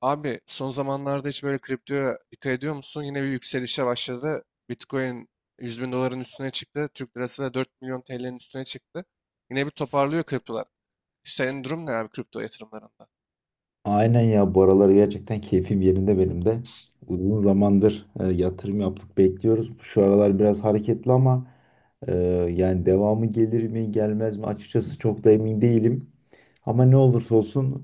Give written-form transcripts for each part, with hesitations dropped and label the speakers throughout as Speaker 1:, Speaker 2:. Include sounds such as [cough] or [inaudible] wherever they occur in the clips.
Speaker 1: Abi son zamanlarda hiç böyle kriptoya dikkat ediyor musun? Yine bir yükselişe başladı. Bitcoin 100 bin doların üstüne çıktı. Türk lirası da 4 milyon TL'nin üstüne çıktı. Yine bir toparlıyor kriptolar. Senin durum ne abi kripto yatırımlarında?
Speaker 2: Aynen ya bu aralar gerçekten keyfim yerinde benim de. Uzun zamandır yatırım yaptık bekliyoruz. Şu aralar biraz hareketli ama e, yani devamı gelir mi gelmez mi açıkçası çok da emin değilim. Ama ne olursa olsun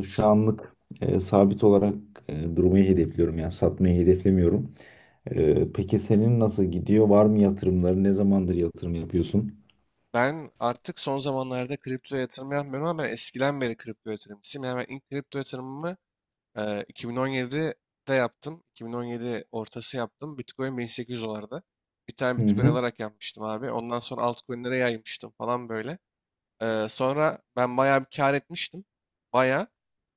Speaker 2: şu anlık sabit olarak durmayı hedefliyorum yani satmayı hedeflemiyorum. Peki senin nasıl gidiyor? Var mı yatırımları? Ne zamandır yatırım yapıyorsun?
Speaker 1: Ben artık son zamanlarda kriptoya yatırım yapmıyorum ama ben eskiden beri kripto yatırımcısıyım. Yani ben ilk kripto yatırımımı e, 2017'de yaptım. 2017 ortası yaptım. Bitcoin 1800 dolardı. Bir tane
Speaker 2: Hı
Speaker 1: Bitcoin
Speaker 2: hı.
Speaker 1: alarak yapmıştım abi. Ondan sonra altcoin'lere yaymıştım falan böyle. Sonra ben bayağı bir kar etmiştim. Bayağı.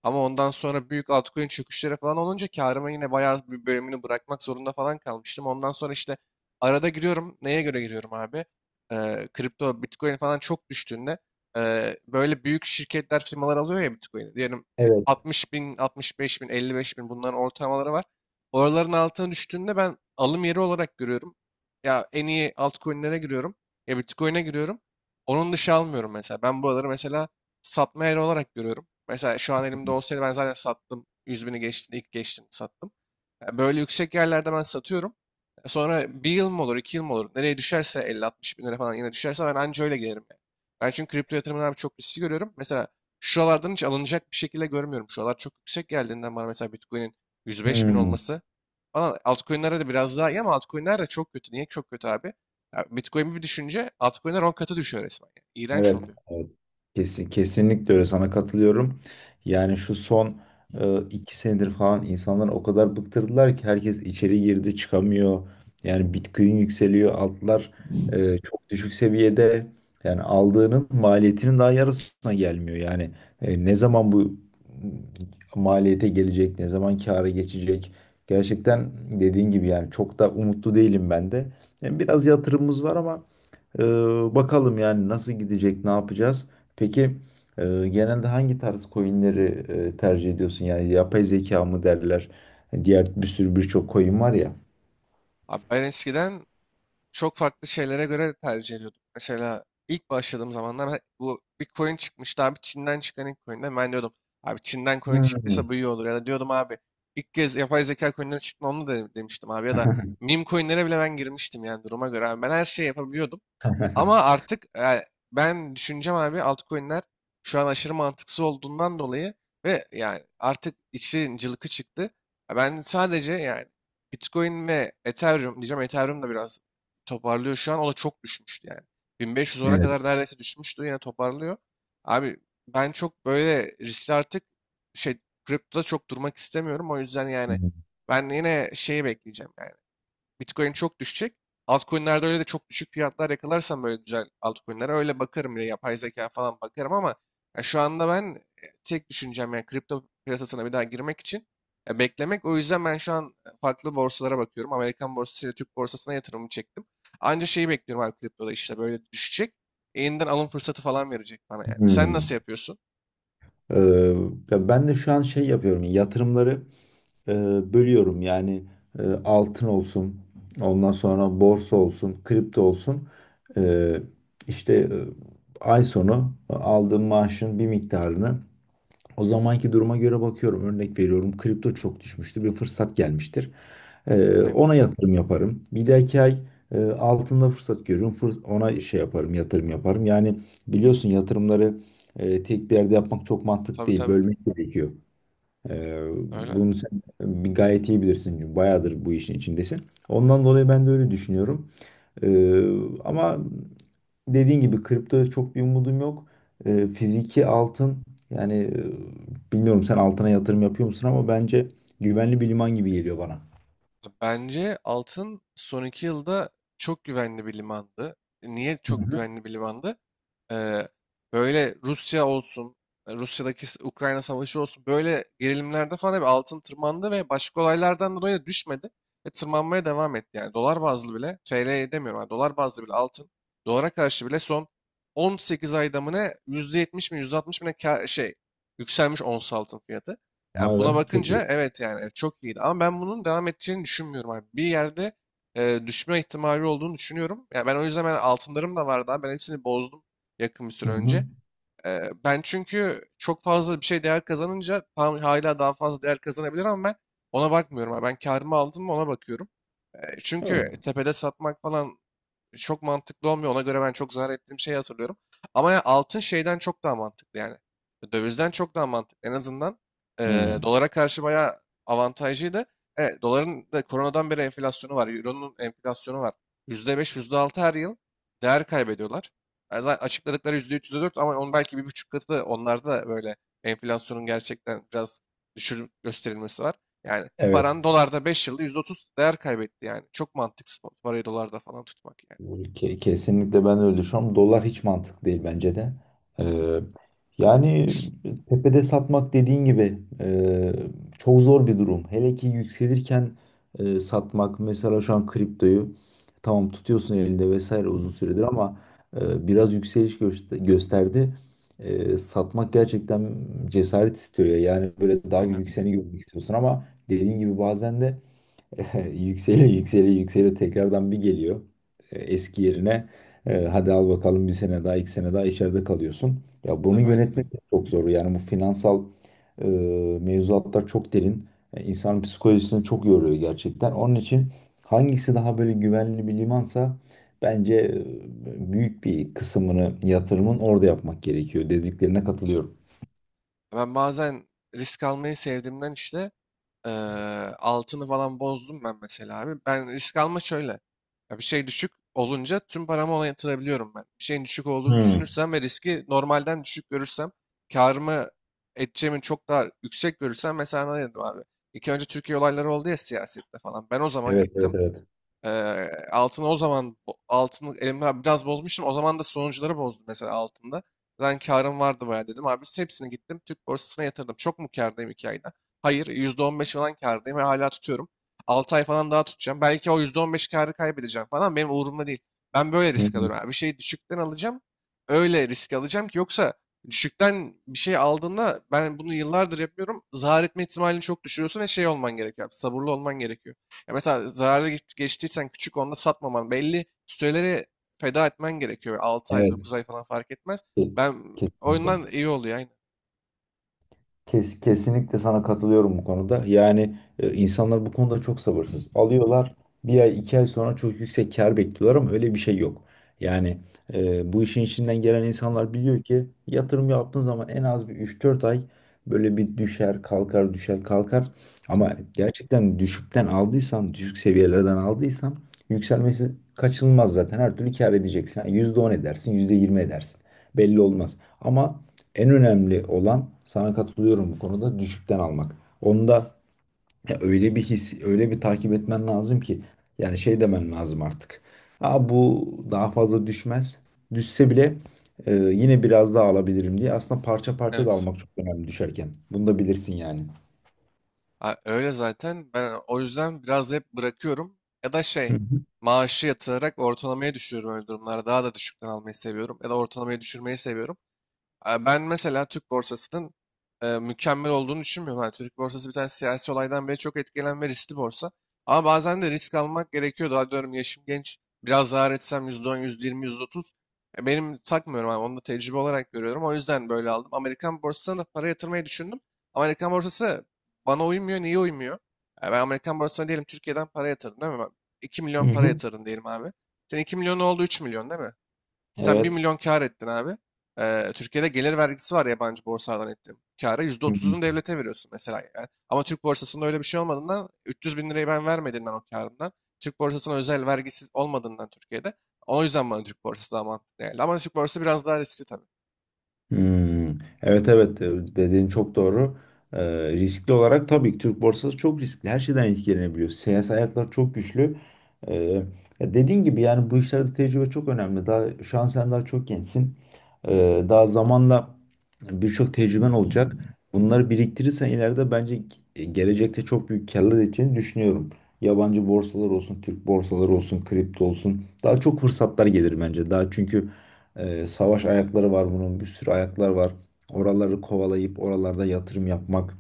Speaker 1: Ama ondan sonra büyük altcoin çöküşleri falan olunca karıma yine bayağı bir bölümünü bırakmak zorunda falan kalmıştım. Ondan sonra işte arada giriyorum. Neye göre giriyorum abi? Kripto, Bitcoin falan çok düştüğünde böyle büyük şirketler, firmalar alıyor ya Bitcoin'i. Diyelim
Speaker 2: Evet.
Speaker 1: 60 bin, 65 bin, 55 bin bunların ortalamaları var. Oraların altına düştüğünde ben alım yeri olarak görüyorum. Ya en iyi altcoin'lere giriyorum. Ya Bitcoin'e giriyorum. Onun dışı almıyorum mesela. Ben buraları mesela satma yeri olarak görüyorum. Mesela şu an elimde olsaydı ben zaten sattım. 100 bini geçti, ilk geçtim sattım. Böyle yüksek yerlerde ben satıyorum. Sonra bir yıl mı olur, iki yıl mı olur? Nereye düşerse 50-60 bin lira falan yine düşerse ben anca öyle gelirim yani. Ben çünkü kripto yatırımını abi çok riskli görüyorum. Mesela şuralardan hiç alınacak bir şekilde görmüyorum. Şuralar çok yüksek geldiğinden bana mesela Bitcoin'in 105 bin
Speaker 2: Hmm.
Speaker 1: olması falan altcoin'lere de biraz daha iyi ama altcoin'ler de çok kötü. Niye çok kötü abi? Ya Bitcoin bir düşünce altcoin'ler 10 katı düşüyor resmen. Yani. İğrenç
Speaker 2: Evet,
Speaker 1: oluyor.
Speaker 2: evet. Kesinlikle öyle sana katılıyorum. Yani şu son 2 senedir falan insanlar o kadar bıktırdılar ki herkes içeri girdi çıkamıyor. Yani Bitcoin yükseliyor, altlar çok düşük seviyede. Yani aldığının maliyetinin daha yarısına gelmiyor. Yani ne zaman bu maliyete gelecek, ne zaman kâra geçecek? Gerçekten dediğin gibi yani çok da umutlu değilim ben de. Yani biraz yatırımımız var ama ee, bakalım yani nasıl gidecek, ne yapacağız? Peki e, genelde hangi tarz coinleri tercih ediyorsun? Yani yapay zeka mı derler? Diğer bir sürü birçok coin var ya.
Speaker 1: Abi ben eskiden çok farklı şeylere göre tercih ediyordum. Mesela ilk başladığım zamanlar bu bir coin çıkmıştı abi Çin'den çıkan ilk coin'de ben diyordum abi Çin'den coin çıktıysa
Speaker 2: Hmm.
Speaker 1: bu iyi olur ya da diyordum abi ilk kez yapay zeka coin'leri çıktı onu da demiştim abi ya da meme coin'lere bile ben girmiştim yani duruma göre abi ben her şeyi yapabiliyordum. Ama
Speaker 2: [laughs]
Speaker 1: artık ben düşüneceğim abi altcoin'ler şu an aşırı mantıksız olduğundan dolayı ve yani artık işin cılkı çıktı. Ya ben sadece yani Bitcoin ve Ethereum diyeceğim. Ethereum da biraz toparlıyor şu an. O da çok düşmüştü yani. 1500 dolara
Speaker 2: Evet.
Speaker 1: kadar neredeyse düşmüştü. Yine toparlıyor. Abi ben çok böyle riskli artık şey kriptoda çok durmak istemiyorum. O yüzden yani ben yine şeyi bekleyeceğim. Yani Bitcoin çok düşecek. Altcoin'lerde öyle de çok düşük fiyatlar yakalarsam böyle güzel altcoin'lere öyle bakarım. Yine yapay zeka falan bakarım ama ya şu anda ben tek düşüncem yani kripto piyasasına bir daha girmek için beklemek. O yüzden ben şu an farklı borsalara bakıyorum. Amerikan borsası ile Türk borsasına yatırımımı çektim. Anca şeyi bekliyorum abi kriptoda işte böyle düşecek. Yeniden alım fırsatı falan verecek bana yani. Sen nasıl
Speaker 2: Hmm.
Speaker 1: yapıyorsun?
Speaker 2: Ee, ya ben de şu an şey yapıyorum. Yatırımları e, bölüyorum. Yani altın olsun, ondan sonra borsa olsun, kripto olsun. Ee, işte ay sonu aldığım maaşın bir miktarını. O zamanki duruma göre bakıyorum. Örnek veriyorum. Kripto çok düşmüştür. Bir fırsat gelmiştir. Ee,
Speaker 1: Aynen.
Speaker 2: ona yatırım yaparım. Bir dahaki ay altında fırsat görüyorum. Ona şey yaparım, yatırım yaparım. Yani biliyorsun yatırımları tek bir yerde yapmak çok mantık
Speaker 1: Tabii
Speaker 2: değil.
Speaker 1: tabii.
Speaker 2: Bölmek gerekiyor. Ee,
Speaker 1: Öyle.
Speaker 2: bunu sen bir gayet iyi bilirsin. Çünkü bayağıdır bu işin içindesin. Ondan dolayı ben de öyle düşünüyorum. Ee, ama dediğin gibi kriptoda çok bir umudum yok. Fiziki altın yani bilmiyorum sen altına yatırım yapıyor musun ama bence güvenli bir liman gibi geliyor bana.
Speaker 1: Bence altın son 2 yılda çok güvenli bir limandı. Niye
Speaker 2: Hı
Speaker 1: çok
Speaker 2: hı.
Speaker 1: güvenli bir limandı? Ee, Böyle Rusya olsun, Rusya'daki Ukrayna savaşı olsun böyle gerilimlerde falan hep altın tırmandı ve başka olaylardan dolayı da düşmedi ve tırmanmaya devam etti. Yani dolar bazlı bile, TL demiyorum yani dolar bazlı bile altın, dolara karşı bile son 18 ayda mı ne %70 mi %60 mi ne yükselmiş ons altın fiyatı. Yani
Speaker 2: Vay be,
Speaker 1: buna
Speaker 2: çok iyi.
Speaker 1: bakınca evet yani evet, çok iyiydi. Ama ben bunun devam edeceğini düşünmüyorum abi. Bir yerde düşme ihtimali olduğunu düşünüyorum. Ya ben o yüzden ben altınlarım da vardı abi. Ben hepsini bozdum yakın bir
Speaker 2: Hı
Speaker 1: süre önce.
Speaker 2: hı.
Speaker 1: Ben çünkü çok fazla bir şey değer kazanınca tam hala daha fazla değer kazanabilir ama ben ona bakmıyorum abi. Ben karımı aldım mı ona bakıyorum.
Speaker 2: Evet.
Speaker 1: Çünkü tepede satmak falan çok mantıklı olmuyor. Ona göre ben çok zarar ettiğim şeyi hatırlıyorum. Ama ya altın şeyden çok daha mantıklı yani. Dövizden çok daha mantıklı. En azından
Speaker 2: Hı.
Speaker 1: dolara karşı bayağı avantajlıydı. Evet, doların da koronadan beri enflasyonu var. Euro'nun enflasyonu var. %5, %6 her yıl değer kaybediyorlar. Yani zaten açıkladıkları %3, %4 ama onun belki bir buçuk katı da onlarda da böyle enflasyonun gerçekten biraz düşür gösterilmesi var. Yani
Speaker 2: Evet.
Speaker 1: paran dolarda 5 yılda %30 değer kaybetti yani. Çok mantıksız parayı dolarda falan tutmak yani.
Speaker 2: Kesinlikle ben de öyle düşünüyorum. Dolar hiç mantıklı değil bence de. Ee, yani tepede satmak dediğin gibi çok zor bir durum. Hele ki yükselirken satmak, mesela şu an kriptoyu tamam tutuyorsun elinde vesaire uzun süredir, ama biraz yükseliş gösterdi. Satmak gerçekten cesaret istiyor ya. Yani böyle daha bir
Speaker 1: Aynen.
Speaker 2: yükseleni görmek istiyorsun ama dediğin gibi bazen de [laughs] yükseli yükseli yükseli tekrardan bir geliyor eski yerine. Hadi al bakalım, bir sene daha 2 sene daha içeride kalıyorsun. Ya bunu
Speaker 1: Tabii aynen.
Speaker 2: yönetmek de çok zor. Yani bu finansal e, mevzuatlar çok derin. İnsanın psikolojisini çok yoruyor gerçekten. Onun için hangisi daha böyle güvenli bir limansa bence büyük bir kısmını yatırımın orada yapmak gerekiyor. Dediklerine katılıyorum.
Speaker 1: Ben bazen risk almayı sevdiğimden işte eee, altını falan bozdum ben mesela abi. Ben risk alma şöyle. Ya bir şey düşük olunca tüm paramı ona yatırabiliyorum ben. Bir şeyin düşük olduğunu
Speaker 2: Hmm.
Speaker 1: düşünürsem ve riski normalden düşük görürsem karımı edeceğimi çok daha yüksek görürsem mesela ne dedim abi. İki önce Türkiye olayları oldu ya siyasette falan. Ben o zaman
Speaker 2: Evet, evet,
Speaker 1: gittim.
Speaker 2: evet.
Speaker 1: Altını o zaman altını elimden biraz bozmuştum. O zaman da sonuçları bozdu mesela altında. Ben karım vardı bayağı dedim. Abi hepsini gittim Türk borsasına yatırdım. Çok mu kârdayım 2 ayda? Hayır %15 falan kârdayım ve hala tutuyorum. 6 ay falan daha tutacağım. Belki o %15 kârı kaybedeceğim falan benim umurumda değil. Ben böyle
Speaker 2: Hı.
Speaker 1: risk alıyorum, abi. Bir şeyi düşükten alacağım. Öyle risk alacağım ki yoksa düşükten bir şey aldığında ben bunu yıllardır yapıyorum. Zarar etme ihtimalini çok düşürüyorsun ve şey olman gerekiyor. Abi, sabırlı olman gerekiyor. Ya mesela zararlı geçtiysen küçük onda satmaman belli süreleri feda etmen gerekiyor. 6 ay
Speaker 2: Evet.
Speaker 1: 9 ay falan fark etmez.
Speaker 2: Ke-
Speaker 1: Ben
Speaker 2: Kesinlikle.
Speaker 1: oyundan iyi oluyor aynen.
Speaker 2: Kesinlikle sana katılıyorum bu konuda. Yani insanlar bu konuda çok sabırsız. Alıyorlar, bir ay 2 ay sonra çok yüksek kar bekliyorlar ama öyle bir şey yok. Yani bu işin içinden gelen insanlar biliyor ki, yatırım yaptığın zaman en az bir 3-4 ay böyle bir düşer kalkar düşer kalkar. Ama gerçekten düşükten aldıysan, düşük seviyelerden aldıysan yükselmesi kaçınılmaz zaten. Her türlü kar edeceksin. Yani %10 edersin, %20 edersin. Belli olmaz. Ama en önemli olan, sana katılıyorum bu konuda, düşükten almak. Onda ya öyle bir his, öyle bir takip etmen lazım ki yani şey demen lazım artık. Aa, bu daha fazla düşmez. Düşse bile yine biraz daha alabilirim diye. Aslında parça parça da
Speaker 1: Evet.
Speaker 2: almak çok önemli düşerken. Bunu da bilirsin yani.
Speaker 1: Ha, öyle zaten ben o yüzden biraz hep bırakıyorum. Ya da
Speaker 2: Hı hı.
Speaker 1: maaşı yatırarak ortalamaya düşürüyorum öyle durumlarda. Daha da düşükten almayı seviyorum. Ya da ortalamaya düşürmeyi seviyorum. Ben mesela Türk borsasının mükemmel olduğunu düşünmüyorum. Yani Türk borsası bir tane siyasi olaydan beri çok etkilenen ve riskli borsa. Ama bazen de risk almak gerekiyor. Daha diyorum yaşım genç. Biraz zarar etsem %10, %20, %30. Benim takmıyorum abi. Onu da tecrübe olarak görüyorum. O yüzden böyle aldım. Amerikan borsasına da para yatırmayı düşündüm. Ama Amerikan borsası bana uymuyor. Niye uymuyor? Ben Amerikan borsasına diyelim Türkiye'den para yatırdım değil mi? Ben 2
Speaker 2: Hı
Speaker 1: milyon para
Speaker 2: hı.
Speaker 1: yatırdın diyelim abi. Senin 2 milyon oldu, üç milyon değil mi? Sen bir
Speaker 2: Evet.
Speaker 1: milyon kar ettin abi. Türkiye'de gelir vergisi var yabancı borsalardan ettiğin kâra. Yüzde
Speaker 2: Hı hı.
Speaker 1: otuz'unu devlete veriyorsun mesela. Yani. Ama Türk borsasında öyle bir şey olmadığından 300 bin lirayı ben vermediğimden o karımdan. Türk borsasına özel vergisiz olmadığından Türkiye'de. O yüzden bana Türk borsası daha mantıklı geldi. Ama Türk borsası biraz daha riskli tabii.
Speaker 2: Hmm, evet, evet, dediğin çok doğru. Riskli olarak tabii ki Türk borsası çok riskli. Her şeyden etkilenebiliyor. Siyasi ayaklar çok güçlü. Ee, ya dediğin gibi yani bu işlerde tecrübe çok önemli. Daha şu an sen daha çok gençsin. Daha zamanla birçok tecrüben olacak. Bunları biriktirirsen ileride bence gelecekte çok büyük karlar edeceğini düşünüyorum. Yabancı borsalar olsun, Türk borsaları olsun, kripto olsun. Daha çok fırsatlar gelir bence. Daha çünkü savaş ayakları var bunun, bir sürü ayaklar var. Oraları kovalayıp oralarda yatırım yapmak,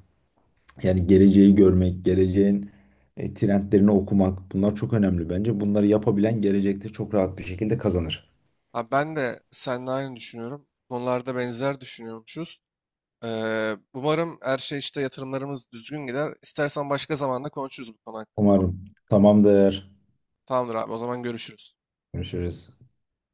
Speaker 2: yani geleceği görmek, geleceğin trendlerini okumak bunlar çok önemli bence. Bunları yapabilen gelecekte çok rahat bir şekilde kazanır.
Speaker 1: Abi ben de seninle aynı düşünüyorum. Konularda benzer düşünüyormuşuz. Umarım her şey işte yatırımlarımız düzgün gider. İstersen başka zamanda konuşuruz bu konu hakkında.
Speaker 2: Umarım. Tamamdır.
Speaker 1: Tamamdır abi o zaman görüşürüz.
Speaker 2: Görüşürüz.